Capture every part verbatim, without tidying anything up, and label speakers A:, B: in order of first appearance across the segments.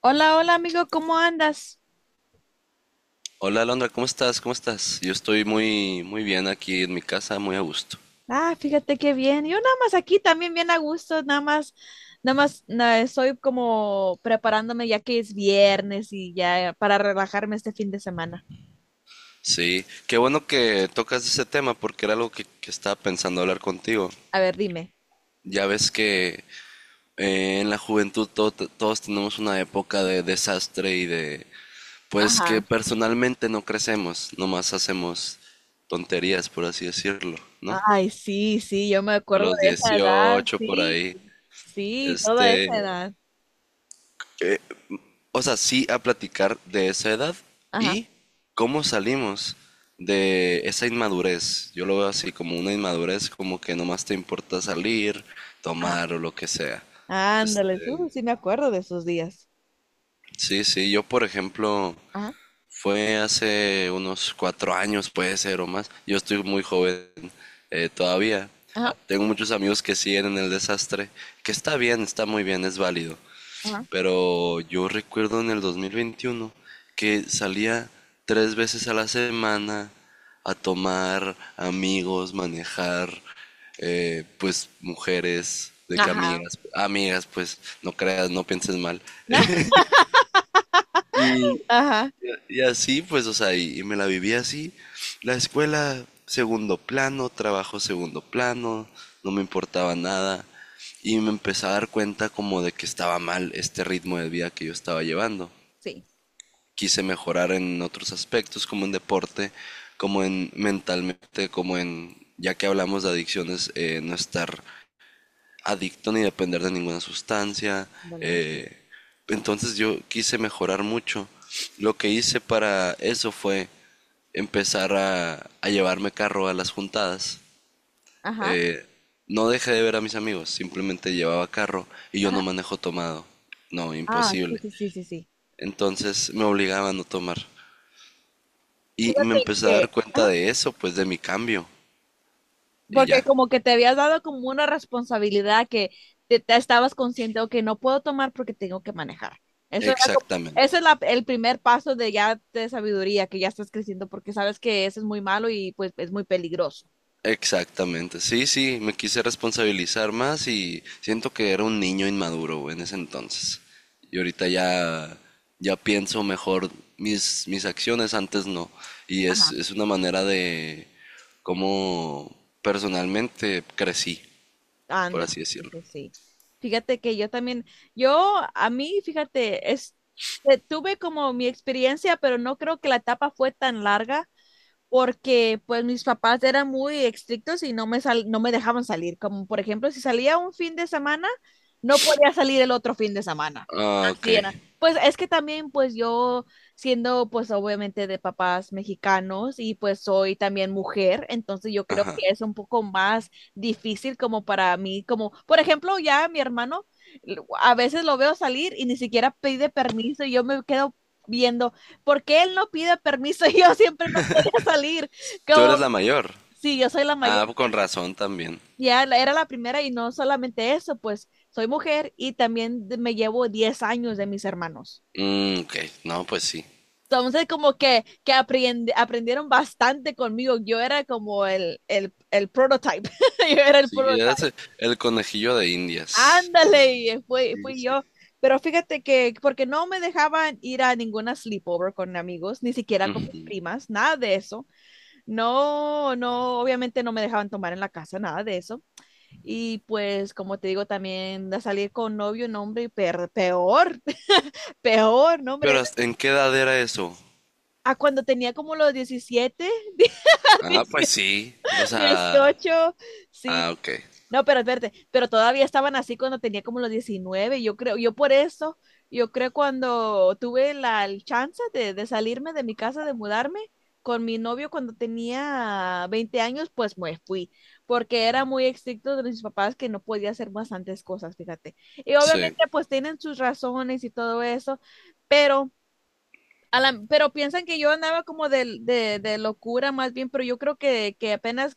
A: Hola, hola amigo, ¿cómo andas?
B: Hola Alondra, ¿cómo estás? ¿Cómo estás? Yo estoy muy, muy bien aquí en mi casa, muy a gusto.
A: Ah, fíjate qué bien. Yo nada más aquí también bien a gusto, nada más, nada más na- estoy como preparándome ya que es viernes y ya para relajarme este fin de semana.
B: Sí, qué bueno que tocas ese tema porque era algo que, que estaba pensando hablar contigo.
A: A ver, dime.
B: Ya ves que eh, en la juventud todo- te- todos tenemos una época de desastre y de, pues que
A: Ajá.
B: personalmente no crecemos, nomás hacemos tonterías, por así decirlo, ¿no?
A: Ay, sí, sí, yo me
B: A
A: acuerdo
B: los
A: de esa edad,
B: dieciocho por
A: sí,
B: ahí.
A: sí, toda esa
B: Este,
A: edad.
B: O sea, sí a platicar de esa edad
A: Ajá,
B: y cómo salimos de esa inmadurez. Yo lo veo así como una inmadurez, como que nomás te importa salir,
A: ajá.
B: tomar o lo que sea.
A: Ándale,
B: Este,
A: uh, sí me acuerdo de esos días.
B: sí, sí, yo por ejemplo,
A: Ajá,
B: fue hace unos cuatro años, puede ser o más. Yo estoy muy joven eh, todavía. Ah,
A: ajá,
B: tengo muchos amigos que siguen en el desastre, que está bien, está muy bien, es válido.
A: ajá.
B: Pero yo recuerdo en el dos mil veintiuno que salía tres veces a la semana a tomar amigos, manejar, eh, pues mujeres, de que
A: Ajá.
B: amigas, amigas, pues no creas, no pienses mal. Y,
A: Ajá,
B: y así, pues, o sea, y, y me la viví así. La escuela, segundo plano, trabajo, segundo plano, no me importaba nada. Y me empecé a dar cuenta como de que estaba mal este ritmo de vida que yo estaba llevando.
A: sí.
B: Quise mejorar en otros aspectos, como en deporte, como en mentalmente, como en, ya que hablamos de adicciones, eh, no estar adicto ni depender de ninguna sustancia.
A: Ándale, sí.
B: eh, entonces yo quise mejorar mucho. Lo que hice para eso fue empezar a, a llevarme carro a las juntadas.
A: Ajá.
B: Eh, no dejé de ver a mis amigos, simplemente llevaba carro y yo no manejo tomado. No,
A: Ah, sí,
B: imposible.
A: sí, sí, sí, sí.
B: Entonces me obligaba a no tomar. Y me
A: Fíjate
B: empecé a dar
A: que.
B: cuenta
A: Ah,
B: de eso, pues de mi cambio. Y
A: porque
B: ya.
A: como que te habías dado como una responsabilidad que te, te estabas consciente, ok, no puedo tomar porque tengo que manejar. Eso era como, ese es
B: Exactamente.
A: la- el primer paso de ya de sabiduría, que ya estás creciendo, porque sabes que eso es muy malo y pues es muy peligroso.
B: Exactamente. Sí, sí, me quise responsabilizar más y siento que era un niño inmaduro güey, en ese entonces. Y ahorita ya, ya pienso mejor mis, mis acciones, antes no. Y es,
A: Ajá.
B: es una manera de cómo personalmente crecí, por
A: Ándale,
B: así
A: sí,
B: decirlo.
A: sí. Sí. Fíjate que yo también, yo a mí, fíjate, es, eh, tuve como mi experiencia, pero no creo que la etapa fue tan larga porque pues mis papás eran muy estrictos y no me, sal- no me dejaban salir. Como por ejemplo, si salía un fin de semana, no podía salir el otro fin de semana.
B: Ah, ok.
A: Así era. Pues es que también pues yo siendo pues obviamente de papás mexicanos y pues soy también mujer, entonces yo creo
B: Ajá.
A: que es un poco más difícil como para mí, como por ejemplo ya mi hermano lo- a veces lo veo salir y ni siquiera pide permiso y yo me quedo viendo, ¿por qué él no pide permiso y yo siempre no a salir?
B: Tú eres la
A: Como,
B: mayor.
A: sí, yo soy la mayor,
B: Ah, con razón también.
A: ya la- era la primera y no solamente eso, pues soy mujer y también de- me llevo diez años de mis hermanos.
B: Mm, ok, no, pues sí.
A: Entonces, como que, que aprende- aprendieron bastante conmigo. Yo era como el, el, el prototype. Yo era el
B: Sí, era
A: prototype.
B: ese, el conejillo de Indias.
A: Ándale, y fui, fui yo. Pero fíjate que, porque no me dejaban ir a ninguna sleepover con amigos, ni siquiera con mis primas, nada de eso. No, no, obviamente no me dejaban tomar en la casa, nada de eso. Y pues, como te digo, también a salir con novio, nombre, y per- peor, peor,
B: Pero
A: nombre.
B: ¿hasta- ¿en qué edad era eso?
A: A cuando tenía como los diecisiete,
B: Ah, pues sí. O sea,
A: dieciocho, sí.
B: ah, ok.
A: No, pero espérate, pero todavía estaban así cuando tenía como los diecinueve, yo creo. Yo por eso, yo creo cuando tuve la el chance de, de salirme de mi casa, de mudarme con mi novio cuando tenía veinte años, pues me fui, porque era muy estricto de mis papás que no podía hacer bastantes cosas, fíjate. Y
B: Sí.
A: obviamente pues tienen sus razones y todo eso, pero a la- pero piensan que yo andaba como de, de, de locura más bien, pero yo creo que, que apenas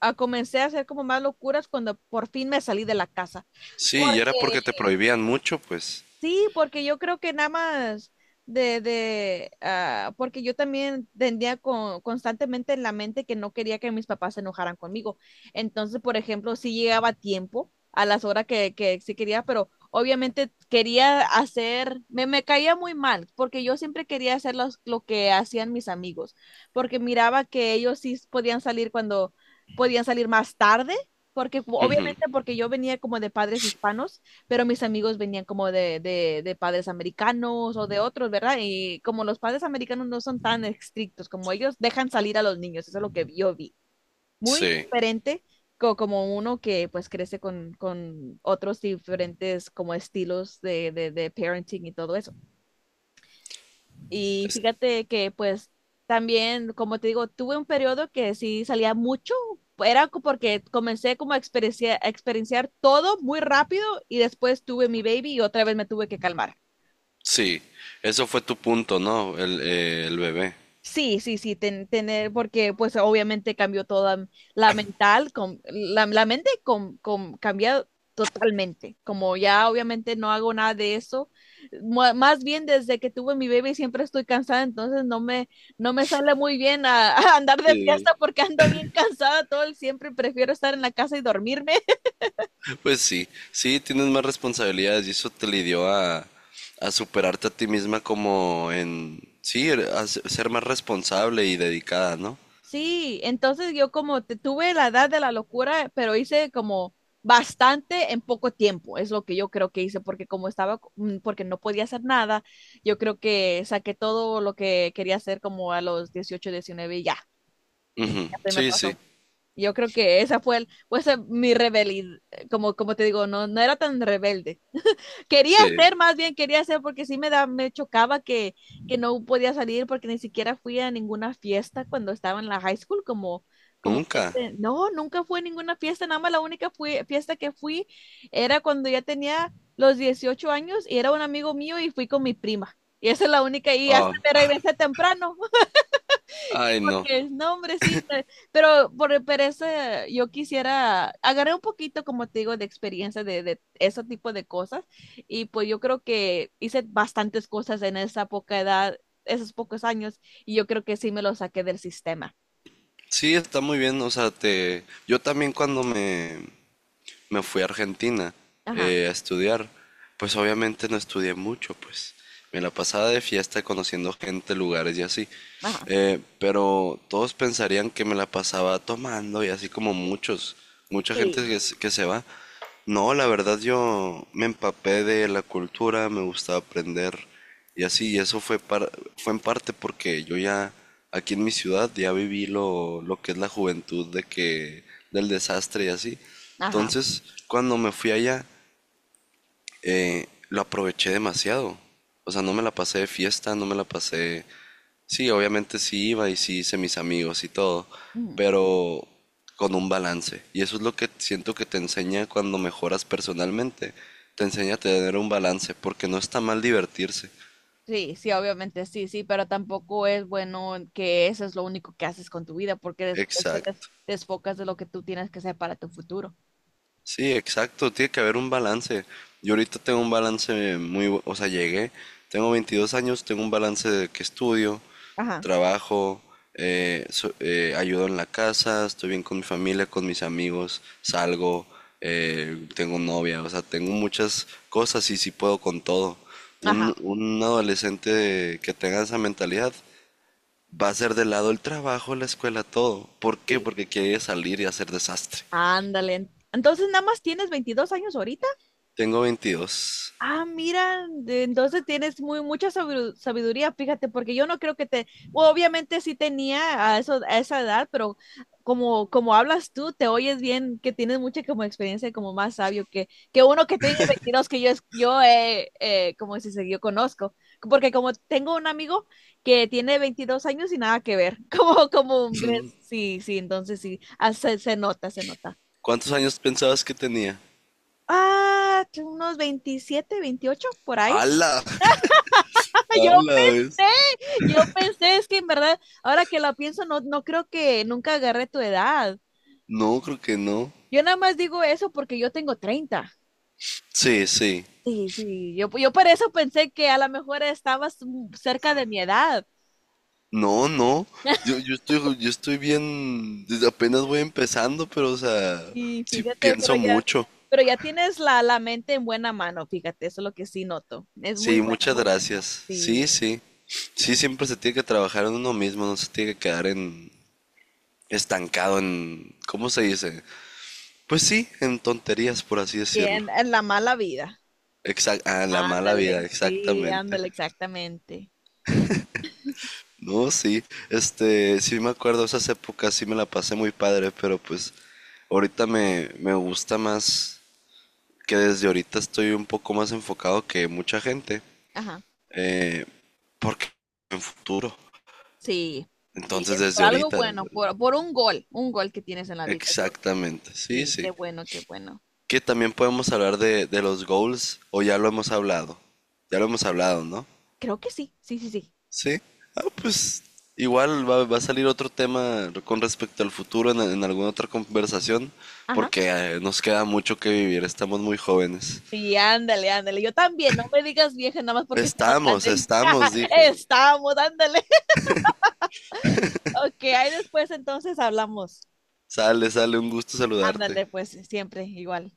A: a comencé a hacer como más locuras cuando por fin me salí de la casa.
B: Sí,
A: Porque
B: y era porque te prohibían mucho, pues.
A: Sí, porque yo creo que nada más de, de, ah, porque yo también tendría con- constantemente en la mente que no quería que mis papás se enojaran conmigo. Entonces, por ejemplo, sí llegaba a tiempo, a las horas que, que sí quería, pero obviamente quería hacer, me, me caía muy mal, porque yo siempre quería hacer los- lo que hacían mis amigos, porque miraba que ellos sí podían salir cuando podían salir más tarde, porque
B: Ujú,
A: obviamente porque yo venía como de padres hispanos pero mis amigos venían como de, de, de padres americanos o de otros, ¿verdad? Y como los padres americanos no son tan estrictos como ellos, dejan salir a los niños, eso es lo que yo vi. Muy
B: sí.
A: diferente co- como uno que pues crece con, con otros diferentes como estilos de, de, de parenting y todo eso. Y
B: Es-
A: fíjate que pues también, como te digo, tuve un periodo que sí salía mucho, era co- porque comencé como a experiencia- a experienciar todo muy rápido y después tuve mi baby y otra vez me tuve que calmar.
B: sí. Eso fue tu punto, ¿no? El, eh, el bebé.
A: Sí, sí, sí, ten- tener, porque pues obviamente cambió toda la mental, com- la, la mente com, com- cambia totalmente, como ya obviamente no hago nada de eso, mu- más bien desde que tuve mi baby siempre estoy cansada, entonces no me, no me sale muy bien a, a andar de
B: Sí.
A: fiesta porque ando bien cansada todo el siempre, prefiero estar en la casa y dormirme.
B: Pues sí. Sí, tienes más responsabilidades y eso te lidió a, a superarte a ti misma como en... Sí, a ser ser más responsable y dedicada, ¿no?
A: Sí, entonces yo como te- tuve la edad de la locura, pero hice como bastante en poco tiempo, es lo que yo creo que hice, porque como estaba, co- mm, porque no podía hacer nada, yo creo que saqué todo lo que quería hacer como a los dieciocho, diecinueve y ya,
B: Ujú,
A: ya se me
B: sí, sí.
A: pasó. Yo creo que esa fue el, fue esa mi rebelión, como, como te digo, no, no era tan rebelde, quería
B: Sí.
A: hacer, más bien quería hacer, porque sí me, da, me chocaba que, que no podía salir porque ni siquiera fui a ninguna fiesta cuando estaba en la high school, como, como que
B: Nunca.
A: te- no, nunca fui a ninguna fiesta, nada más la única fui- fiesta que fui era cuando ya tenía los dieciocho años y era un amigo mío y fui con mi prima. Y esa es la única, y hasta
B: Ah,
A: me regresé temprano.
B: ay, no.
A: Es, No, hombre, sí, pe- pero por, e, pero ese, yo quisiera, agarré un poquito, como te digo, de experiencia de, de ese tipo de cosas y pues yo creo que hice bastantes cosas en esa poca edad, esos pocos años y yo creo que sí me lo saqué del sistema.
B: Sí, está muy bien. O sea, te... yo también cuando me, me fui a Argentina
A: Ajá,
B: eh, a estudiar, pues obviamente no estudié mucho, pues me la pasaba de fiesta conociendo gente, lugares y así.
A: ajá,
B: Eh, pero todos pensarían que me la pasaba tomando y así como muchos, mucha gente
A: sí,
B: que, se- que se va. No, la verdad yo me empapé de la cultura, me gustaba aprender. Y así, eso fue, par- fue en parte porque yo ya, aquí en mi ciudad, ya viví lo, lo que es la juventud de que, del desastre y así.
A: ajá.
B: Entonces, cuando me fui allá, eh, lo aproveché demasiado. O sea, no me la pasé de fiesta, no me la pasé... Sí, obviamente sí iba y sí hice mis amigos y todo,
A: Ujú.
B: pero con un balance. Y eso es lo que siento que te enseña cuando mejoras personalmente. Te enseña a tener un balance, porque no está mal divertirse.
A: Sí, sí, obviamente sí, sí, pero tampoco es bueno que eso es lo único que haces con tu vida porque después te des-
B: Exacto.
A: desfocas de lo que tú tienes que hacer para tu futuro.
B: Sí, exacto, tiene que haber un balance. Yo ahorita tengo un balance muy, bu- o sea, llegué, tengo veintidós años, tengo un balance de que estudio,
A: Ajá,
B: trabajo, eh, so- eh, ayudo en la casa, estoy bien con mi familia, con mis amigos, salgo, eh, tengo novia, o sea, tengo muchas cosas y sí puedo con todo. Un,
A: ajá.
B: un adolescente que tenga esa mentalidad va a ser de lado el trabajo, la escuela, todo. ¿Por qué?
A: Sí.
B: Porque quiere salir y hacer desastre.
A: Ándale. Entonces, nada más tienes veintidós años ahorita.
B: Tengo veintidós.
A: Ah, mira, de- entonces tienes muy mucha sabidu- sabiduría, fíjate, porque yo no creo que te, obviamente sí tenía a eso, a esa edad, pero como, como hablas tú, te oyes bien, que tienes mucha como experiencia, y como más sabio que, que uno que tiene veintidós que yo, es- yo eh, eh, como si se yo conozco, porque como tengo un amigo que tiene veintidós años y nada que ver, como, como ves, sí, sí, entonces sí, ah, se se nota, se nota.
B: ¿Cuántos años pensabas que tenía?
A: Ah, que unos veintisiete, veintiocho por ahí.
B: ¡Hala!
A: Yo
B: ¡Hala, ves!
A: pensé, yo pensé, es que en verdad, ahora que lo pienso, no, no creo que nunca agarré tu edad.
B: No, creo que no.
A: Yo nada más digo eso porque yo tengo treinta.
B: Sí, sí.
A: Sí, sí. Yo, yo por eso pensé que a lo mejor estabas mm, cerca de mi edad.
B: No, no. Yo, yo estoy, yo estoy bien. Desde apenas voy empezando, pero, o sea,
A: Y
B: sí
A: fíjate, pero
B: pienso
A: ya,
B: mucho.
A: pero ya tienes la, la mente en buena mano, fíjate, eso es lo que sí noto. Es muy
B: Sí,
A: bueno,
B: muchas
A: muy bueno.
B: gracias. Sí,
A: Sí.
B: sí. Sí, siempre se tiene que trabajar en uno mismo, no se tiene que quedar en estancado en, ¿cómo se dice? Pues sí, en tonterías, por así
A: Y
B: decirlo.
A: en, en la mala vida.
B: Exact, ah, la mala vida,
A: Ándale, sí,
B: exactamente.
A: ándale, exactamente.
B: No, sí, este, sí me acuerdo, esas épocas sí me la pasé muy padre, pero pues ahorita me, me gusta más que desde ahorita estoy un poco más enfocado que mucha gente,
A: Ajá,
B: eh, porque en futuro,
A: sí, sí,
B: entonces
A: es por
B: desde
A: algo
B: ahorita, desde
A: bueno,
B: ahorita.
A: por, por un gol, un gol que tienes en la vida. es lo-
B: Exactamente, sí,
A: Sí,
B: sí.
A: qué bueno, qué bueno.
B: Que también podemos hablar de, de los goals, o ya lo hemos hablado, ya lo hemos hablado, ¿no?
A: Creo que sí, sí, sí, sí.
B: Sí. Ah,
A: Sí.
B: pues igual va, va a salir otro tema con respecto al futuro en, en alguna otra conversación,
A: Ajá.
B: porque eh, nos queda mucho que vivir, estamos muy jóvenes.
A: Sí, ándale, ándale. Yo también, no me digas vieja nada más porque está más
B: Estamos,
A: grande.
B: estamos, dije.
A: Estamos, ándale. Ok, ahí después entonces hablamos.
B: Sale, sale, un gusto saludarte.
A: Ándale, pues siempre igual.